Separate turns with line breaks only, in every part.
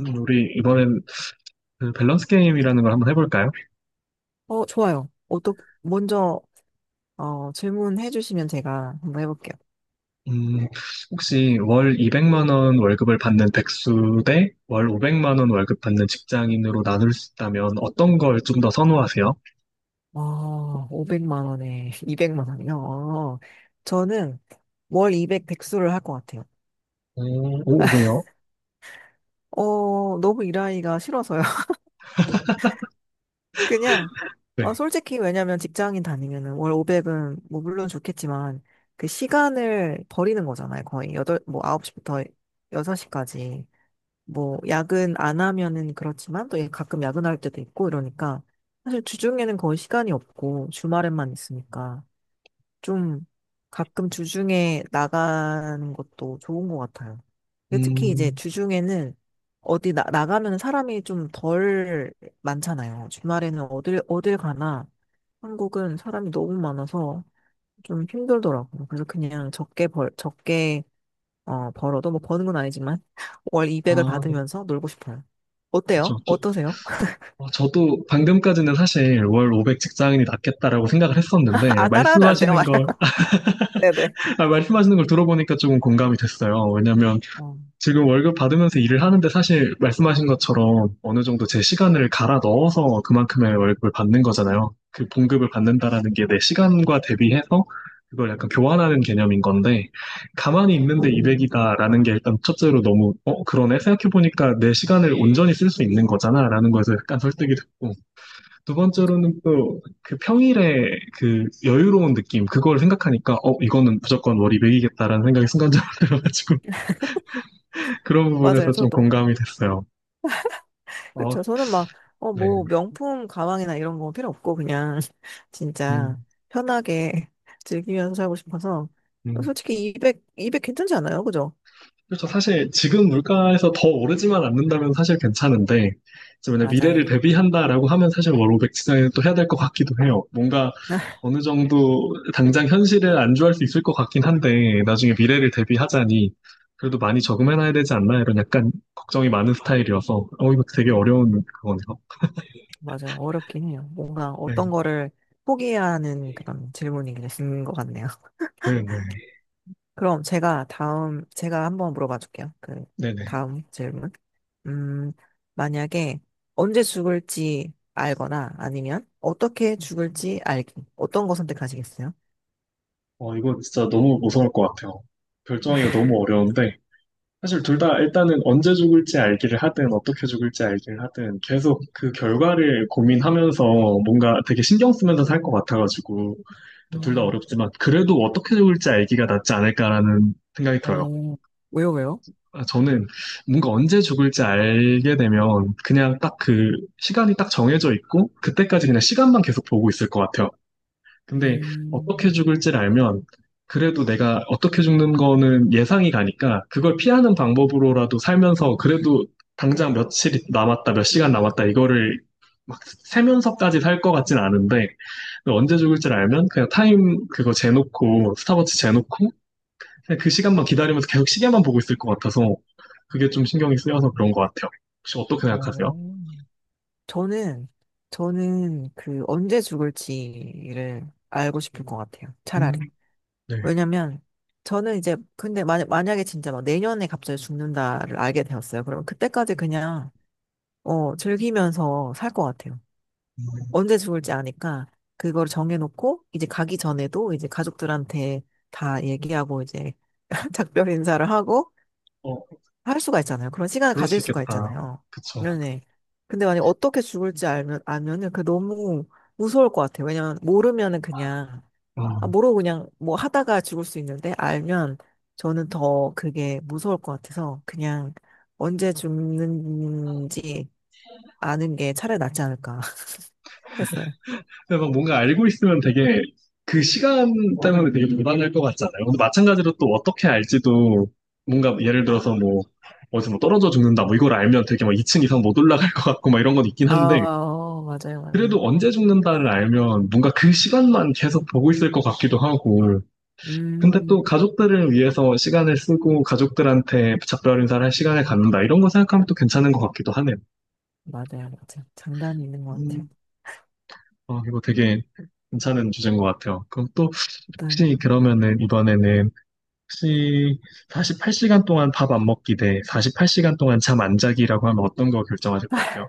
우리 이번엔 그 밸런스 게임이라는 걸 한번 해볼까요?
어, 좋아요. 먼저, 질문해 주시면 제가 한번 해볼게요.
음, 혹시 월 200만 원 월급을 받는 백수 대 월 500만 원 월급 받는 직장인으로 나눌 수 있다면 어떤 걸 좀 더 선호하세요?
아, 500만 원에 200만 원이요. 저는 월 200 백수를 할 것 같아요.
오, 오, 왜요?
너무 일하기가 싫어서요. 그냥,
네.
솔직히 왜냐면 직장인 다니면은 월 500은 뭐 물론 좋겠지만 그 시간을 버리는 거잖아요. 거의 여덟 뭐 9시부터 6시까지. 뭐 야근 안 하면은 그렇지만 또 예, 가끔 야근할 때도 있고 이러니까 사실 주중에는 거의 시간이 없고 주말에만 있으니까 좀 가끔 주중에 나가는 것도 좋은 것 같아요. 근데 특히 이제
음,
주중에는 어디 나가면 사람이 좀 덜 많잖아요. 주말에는 어딜 가나 한국은 사람이 너무 많아서 좀 힘들더라고요. 그래서 그냥 적게 벌, 적게 벌어도 뭐 버는 건 아니지만 월 200을
아,
받으면서 놀고 싶어요. 어때요?
그렇죠.
어떠세요?
저도 방금까지는 사실 월 500 직장인이 낫겠다라고 생각을 했었는데
아, 따라하면 안 돼요, 말 네네.
아, 말씀하시는 걸 들어보니까 조금 공감이 됐어요. 왜냐면
어,
지금 월급 받으면서 일을 하는데 사실 말씀하신 것처럼 어느 정도 제 시간을 갈아 넣어서 그만큼의 월급을 받는 거잖아요. 그 봉급을 받는다라는 게 내 시간과 대비해서 그걸 약간 교환하는 개념인 건데, 가만히 있는데 200이다라는 게 일단 첫째로 너무, 그러네, 생각해보니까 내 시간을 온전히 쓸 수 있는 거잖아라는 거에서 약간 설득이 됐고, 두 번째로는
맞아요.
또 그 평일에 그 여유로운 느낌 그걸 생각하니까, 이거는 무조건 월 200이겠다라는 생각이 순간적으로 들어가지고 그런
맞아요,
부분에서 좀
저도.
공감이 됐어요. 어,
그쵸. 저는 막,
네.
뭐, 명품 가방이나 이런 거 필요 없고, 그냥, 진짜,
음,
편하게 즐기면서 살고 싶어서.
음.
솔직히 200, 200 괜찮지 않아요? 그죠?
그렇죠. 사실 지금 물가에서 더 오르지만 않는다면 사실 괜찮은데, 이제 만약 미래를
맞아요.
대비한다라고 하면 사실 월0백 지정을 또 해야 될 것 같기도 해요. 뭔가 어느 정도 당장 현실을 안주할 수 있을 것 같긴 한데, 나중에 미래를 대비하자니, 그래도 많이 저금해놔야 되지 않나, 이런 약간 걱정이 많은 스타일이어서, 어, 이거 되게 어려운 그거네요.
맞아요. 어렵긴 해요. 뭔가
네,
어떤 거를 포기해야 하는 그런 질문이 되신 것 같네요.
네네.
그럼 제가 다음, 제가 한번 물어봐 줄게요. 그,
네네.
다음 질문. 음, 만약에 언제 죽을지 알거나 아니면 어떻게 죽을지 알기. 어떤 거 선택하시겠어요?
어, 이거 진짜 너무 무서울 것 같아요. 결정하기가 너무 어려운데, 사실 둘 다 일단은 언제 죽을지 알기를 하든 어떻게 죽을지 알기를 하든 계속 그 결과를 고민하면서 뭔가 되게 신경 쓰면서 살 것 같아가지고, 둘 다
음,
어렵지만 그래도 어떻게 죽을지 알기가 낫지 않을까라는 생각이 들어요.
어, 왜요, 왜요?
아, 저는 뭔가 언제 죽을지 알게 되면 그냥 딱 그 시간이 딱 정해져 있고 그때까지 그냥 시간만 계속 보고 있을 것 같아요. 근데 어떻게
음,
죽을지를 알면 그래도 내가 어떻게 죽는 거는 예상이 가니까 그걸 피하는 방법으로라도 살면서, 그래도 당장 며칠 남았다, 몇 시간 남았다 이거를 막 세면서까지 살 것 같진 않은데, 그 언제 죽을지를 알면 그냥 타임 그거 재놓고 스탑워치 재놓고 그냥 그 시간만 기다리면서 계속 시계만 보고 있을 것 같아서 그게 좀 신경이 쓰여서 그런 것 같아요. 혹시 어떻게 생각하세요?
어, 저는, 저는 그 언제 죽을지를 알고 싶을 것 같아요.
음,
차라리.
네.
왜냐면, 저는 이제, 근데 만약에 진짜 막 내년에 갑자기 죽는다를 알게 되었어요. 그러면 그때까지 그냥 즐기면서 살 것 같아요. 언제 죽을지 아니까 그걸 정해놓고 이제 가기 전에도 이제 가족들한테 다 얘기하고 이제 작별 인사를 하고
어,
할 수가 있잖아요. 그런 시간을
그럴 수
가질 수가
있겠다.
있잖아요.
그쵸.
네네. 근데 만약에 어떻게 죽을지 알면, 알면은 그 너무 무서울 것 같아요. 왜냐면 모르면은 그냥, 아, 모르고 그냥 뭐 하다가 죽을 수 있는데 알면 저는 더 그게 무서울 것 같아서 그냥 언제 죽는지 아는 게 차라리 낫지 않을까. 했어요.
근데 막 뭔가 알고 있으면 되게 그 시간 때문에 되게 불안할 것 같잖아요. 근데 마찬가지로 또 어떻게 알지도, 뭔가 예를 들어서 뭐 어디서 뭐 떨어져 죽는다 뭐 이걸 알면 되게 막 2층 이상 못 올라갈 것 같고 막 이런 건 있긴
아,
한데,
맞아요, 맞아요.
그래도 언제 죽는다를 알면 뭔가 그 시간만 계속 보고 있을 것 같기도 하고, 근데 또
음,
가족들을 위해서 시간을 쓰고 가족들한테 작별 인사를 할 시간을 갖는다 이런 거 생각하면 또 괜찮은 것 같기도 하네요.
맞아요, 맞아요. 장단이 있는 것 같아요.
어, 이거 되게 괜찮은 주제인 것 같아요. 그럼 또,
일단,
혹시 그러면은 이번에는 혹시 48시간 동안 밥 안 먹기 대 48시간 동안 잠 안 자기라고 하면 어떤 거 결정하실 것 같아요?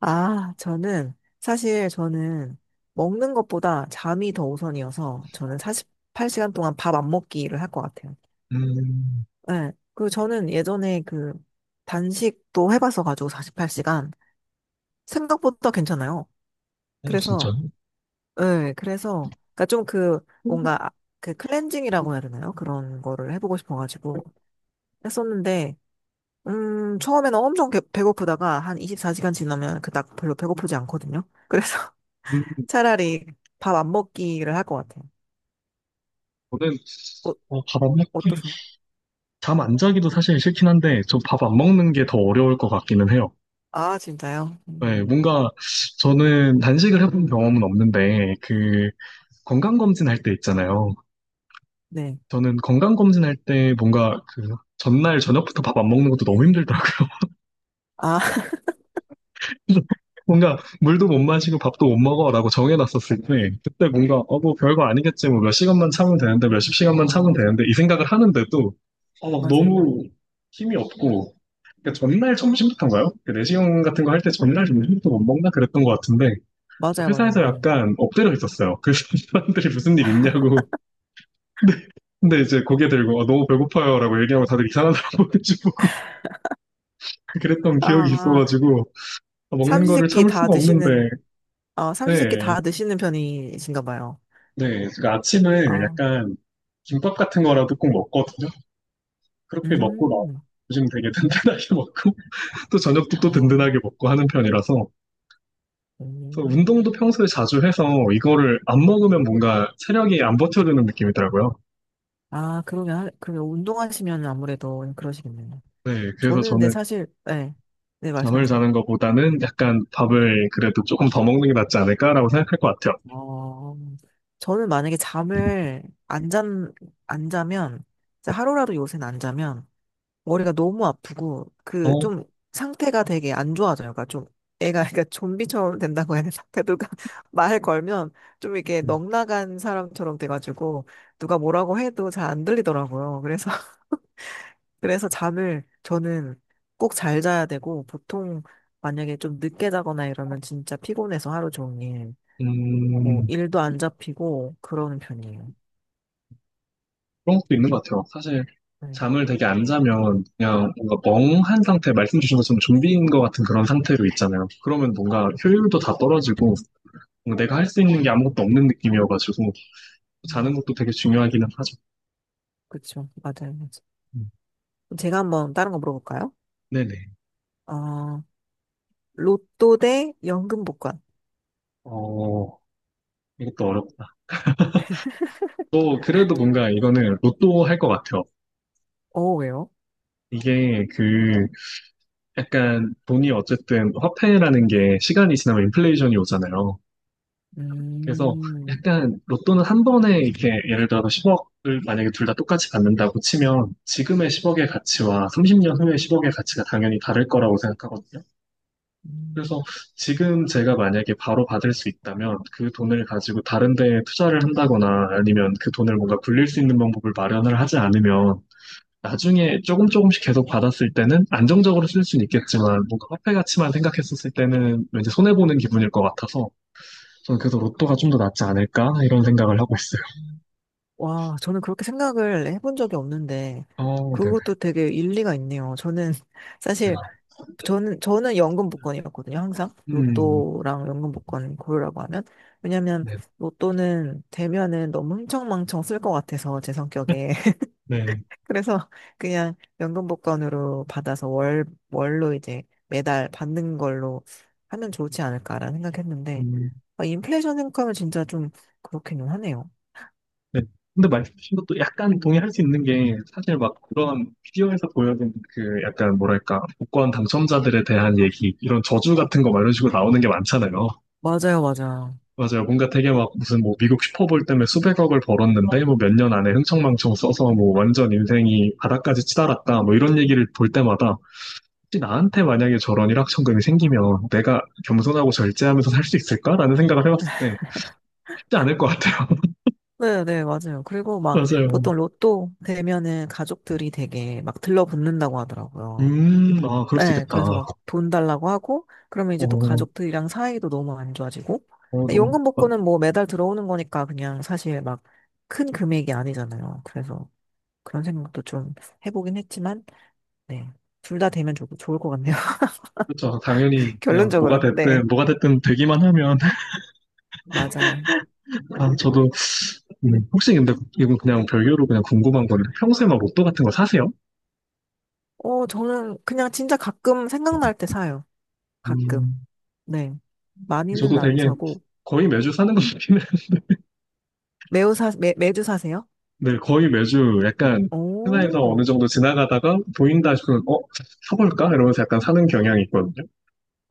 아, 사실 저는 먹는 것보다 잠이 더 우선이어서 저는 48시간 동안 밥 안 먹기를 할 것 같아요.
음,
네. 그리고 저는 예전에 그 단식도 해봐서 가지고 48시간 생각보다 괜찮아요.
어, 진짜.
그래서, 네, 그래서, 그니까 좀 그, 뭔가, 그 클렌징이라고 해야 되나요? 그런 거를 해보고 싶어가지고 했었는데, 처음에는 엄청 배고프다가 한 24시간 지나면 그닥 별로 배고프지 않거든요. 그래서
음,
차라리 밥 안 먹기를 할 것 같아요.
저는,
어,
어, 밥 안 먹,
어떠세요?
잠 안 자기도 사실 싫긴 한데, 저 밥 안 먹는 게 더 어려울 것 같기는 해요.
아, 진짜요?
네, 뭔가 저는 단식을 해본 경험은 없는데, 그 건강검진 할 때 있잖아요.
네.
저는 건강검진 할 때 뭔가 그 전날 저녁부터 밥 안 먹는 것도 너무 힘들더라고요.
아,
그래서 뭔가 물도 못 마시고 밥도 못 먹어라고 정해놨었을 때, 그때 뭔가 뭐 별거 아니겠지, 뭐 몇 시간만 참으면 되는데, 몇십 시간만 참으면
어,
되는데 이 생각을 하는데도 어, 막
맞아요.
너무 힘이 없고. 그러니까 전날 점심부터인가요? 그 내시경 같은 거 할 때 전날 점심부터 못 먹나 그랬던 것 같은데, 저
맞아요, 맞아요.
회사에서
네.
약간 엎드려 있었어요. 그래서 사람들이 무슨 일 있냐고 근데 근데 이제 고개 들고 어, 너무 배고파요라고 얘기하면 다들 이상하더라고요. 그랬던 기억이
아,
있어가지고 아, 먹는 거를
삼시세끼
참을
다
수가 없는데.
드시는, 아,
네,
삼시세끼 다 드시는 편이신가 봐요.
네, 제가 아침에
아,
약간 김밥 같은 거라도 꼭 먹거든요. 그렇게 먹고 나
음,
요즘 되게 든든하게 먹고 또 저녁도 또
아,
든든하게 먹고 하는 편이라서, 그래서
음.
운동도 평소에 자주 해서 이거를 안 먹으면 뭔가 체력이 안 버텨주는 느낌이더라고요.
아, 그러면, 그러면 운동하시면 아무래도 그러시겠네요.
네, 그래서
저는 근데
저는
사실, 네, 네,
잠을
말씀하세요.
자는 것보다는 약간 밥을 그래도 조금 더 먹는 게 낫지 않을까라고 생각할 것 같아요.
어, 저는 만약에 잠을 안 잔, 안 자면, 진짜 하루라도 요새는 안 자면, 머리가 너무 아프고, 그,
어,
좀, 상태가 되게 안 좋아져요. 그러니까 좀, 애가, 그러니까 좀비처럼 된다고 해야 되나? 그러니까 누가 말 걸면, 좀 이렇게 넉나간 사람처럼 돼가지고, 누가 뭐라고 해도 잘 안 들리더라고요. 그래서, 그래서 잠을, 저는 꼭 잘 자야 되고, 보통, 만약에 좀 늦게 자거나 이러면 진짜 피곤해서 하루 종일. 뭐
음,
일도 안 잡히고 그러는 편이에요.
그런 것도 있는 것 같아요. 사실
네.
잠을 되게 안 자면 그냥 뭔가 멍한 상태, 말씀 주신 것처럼 좀비인 것 같은 그런 상태로 있잖아요. 그러면 뭔가 효율도 다 떨어지고 뭔가 내가 할 수 있는 게 아무것도 없는 느낌이어가지고, 자는
음,
것도 되게 중요하기는 하죠.
그쵸. 맞아요. 맞아요.
음,
제가 한번 다른 거 물어볼까요?
네네.
어, 로또 대 연금 복권.
어, 이것도 어렵다. 또 그래도 뭔가 이거는 로또 할 것 같아요.
왜요?
이게 그 약간 돈이 어쨌든 화폐라는 게 시간이 지나면 인플레이션이 오잖아요. 그래서
음,
약간 로또는 한 번에 이렇게 예를 들어서 10억을 만약에 둘 다 똑같이 받는다고 치면 지금의 10억의 가치와 30년 후의 10억의 가치가 당연히 다를 거라고 생각하거든요. 그래서
음.
지금 제가 만약에 바로 받을 수 있다면 그 돈을 가지고 다른 데에 투자를 한다거나 아니면 그 돈을 뭔가 굴릴 수 있는 방법을 마련을 하지 않으면, 나중에 조금 조금씩 계속 받았을 때는 안정적으로 쓸 수는 있겠지만 뭔가 화폐 가치만 생각했었을 때는 왠지 손해보는 기분일 것 같아서, 저는 그래서 로또가 좀 더 낫지 않을까? 이런 생각을 하고 있어요.
와, 저는 그렇게 생각을 해본 적이 없는데,
어, 네네.
그것도 되게 일리가 있네요. 저는, 사실, 저는 연금 복권이었거든요, 항상.
음,
로또랑 연금 복권 고르라고 하면. 왜냐면,
네,
로또는 되면은 너무 흥청망청 쓸 것 같아서, 제 성격에.
네네.
그래서 그냥 연금 복권으로 받아서 월, 월로 이제 매달 받는 걸로 하면 좋지 않을까라는 생각했는데,
음,
아, 인플레이션 생각하면 진짜 좀 그렇기는 하네요.
네. 근데 말씀하신 것도 약간 동의할 수 있는 게, 사실 막 그런 비디오에서 보여진 그 약간 뭐랄까 복권 당첨자들에 대한 얘기, 이런 저주 같은 거 막 이런 식으로 나오는 게 많잖아요.
맞아요, 맞아요.
맞아요. 뭔가 되게 막 무슨 뭐 미국 슈퍼볼 때문에 수백억을 벌었는데 뭐 몇 년 안에 흥청망청 써서 뭐 완전 인생이 바닥까지 치달았다 뭐 이런 얘기를 볼 때마다, 혹시 나한테 만약에 저런 일확천금이 생기면 내가 겸손하고 절제하면서 살 수 있을까라는 생각을 해봤을 때, 쉽지 않을 것 같아요.
네, 네, 맞아요. 그리고 막
맞아요.
보통 로또 되면은 가족들이 되게 막 들러붙는다고 하더라고요.
아, 그럴 수
네,
있겠다.
그래서 막 돈 달라고 하고, 그러면 이제 또
어,
가족들이랑 사이도 너무 안 좋아지고,
어,
근데
너무,
연금 복권은
좋다.
뭐 매달 들어오는 거니까 그냥 사실 막 큰 금액이 아니잖아요. 그래서 그런 생각도 좀 해보긴 했지만, 네. 둘 다 되면 좋, 좋을 것 같네요.
그렇죠. 당연히 그냥 뭐가
결론적으로는. 네.
됐든, 뭐가 됐든 되기만 하면.
맞아요.
아, 저도. 혹시 근데 이건 그냥 별개로 그냥 궁금한 건는, 평소에 막 로또 같은 거 사세요?
저는 그냥 진짜 가끔 생각날 때 사요. 가끔.
음,
네. 많이는
저도
안
되게
사고,
거의 매주 사는 것 같긴.
매주 사세요?
네, 거의 매주 약간 하나에서
오,
어느 정도 지나가다가 보인다 싶으면, 어? 사볼까? 이러면서 약간 사는 경향이 있거든요.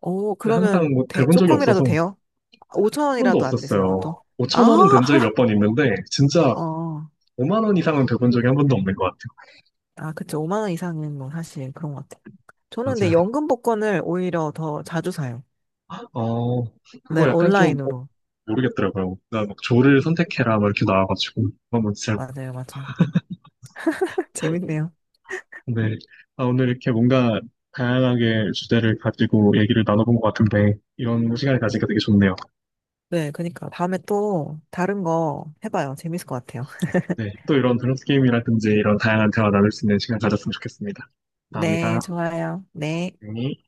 오,
근데 항상
그러면
뭐
대,
대본 적이
조금이라도
없어서 한
돼요? 5천
번도
원이라도 안 되세요, 보통?
없었어요. 5천
아,
원은 된 적이 몇 번 있는데, 진짜
하,
5만 원 이상은 돼본 적이 한 번도 없는 것 같아요.
아, 그쵸. 5만 원 이상은 뭐 사실 그런 것 같아요. 저는 근데
맞아요.
연금 복권을 오히려 더 자주 사요.
어,
네,
그거 약간 좀
온라인으로.
모르겠더라고요. 나막 조를 선택해라 막 이렇게 나와가지고 한번 진짜.
맞아요, 맞아요. 재밌네요.
네. 아, 오늘 이렇게 뭔가 다양하게 주제를 가지고 얘기를 나눠본 것 같은데, 이런 시간을 가지니까 되게 좋네요.
네, 그니까 다음에 또 다른 거 해봐요. 재밌을 것 같아요.
네, 또 이런 밸런스 게임이라든지 이런 다양한 대화 나눌 수 있는 시간 가졌으면 좋겠습니다.
네,
감사합니다.
좋아요. 네.
네.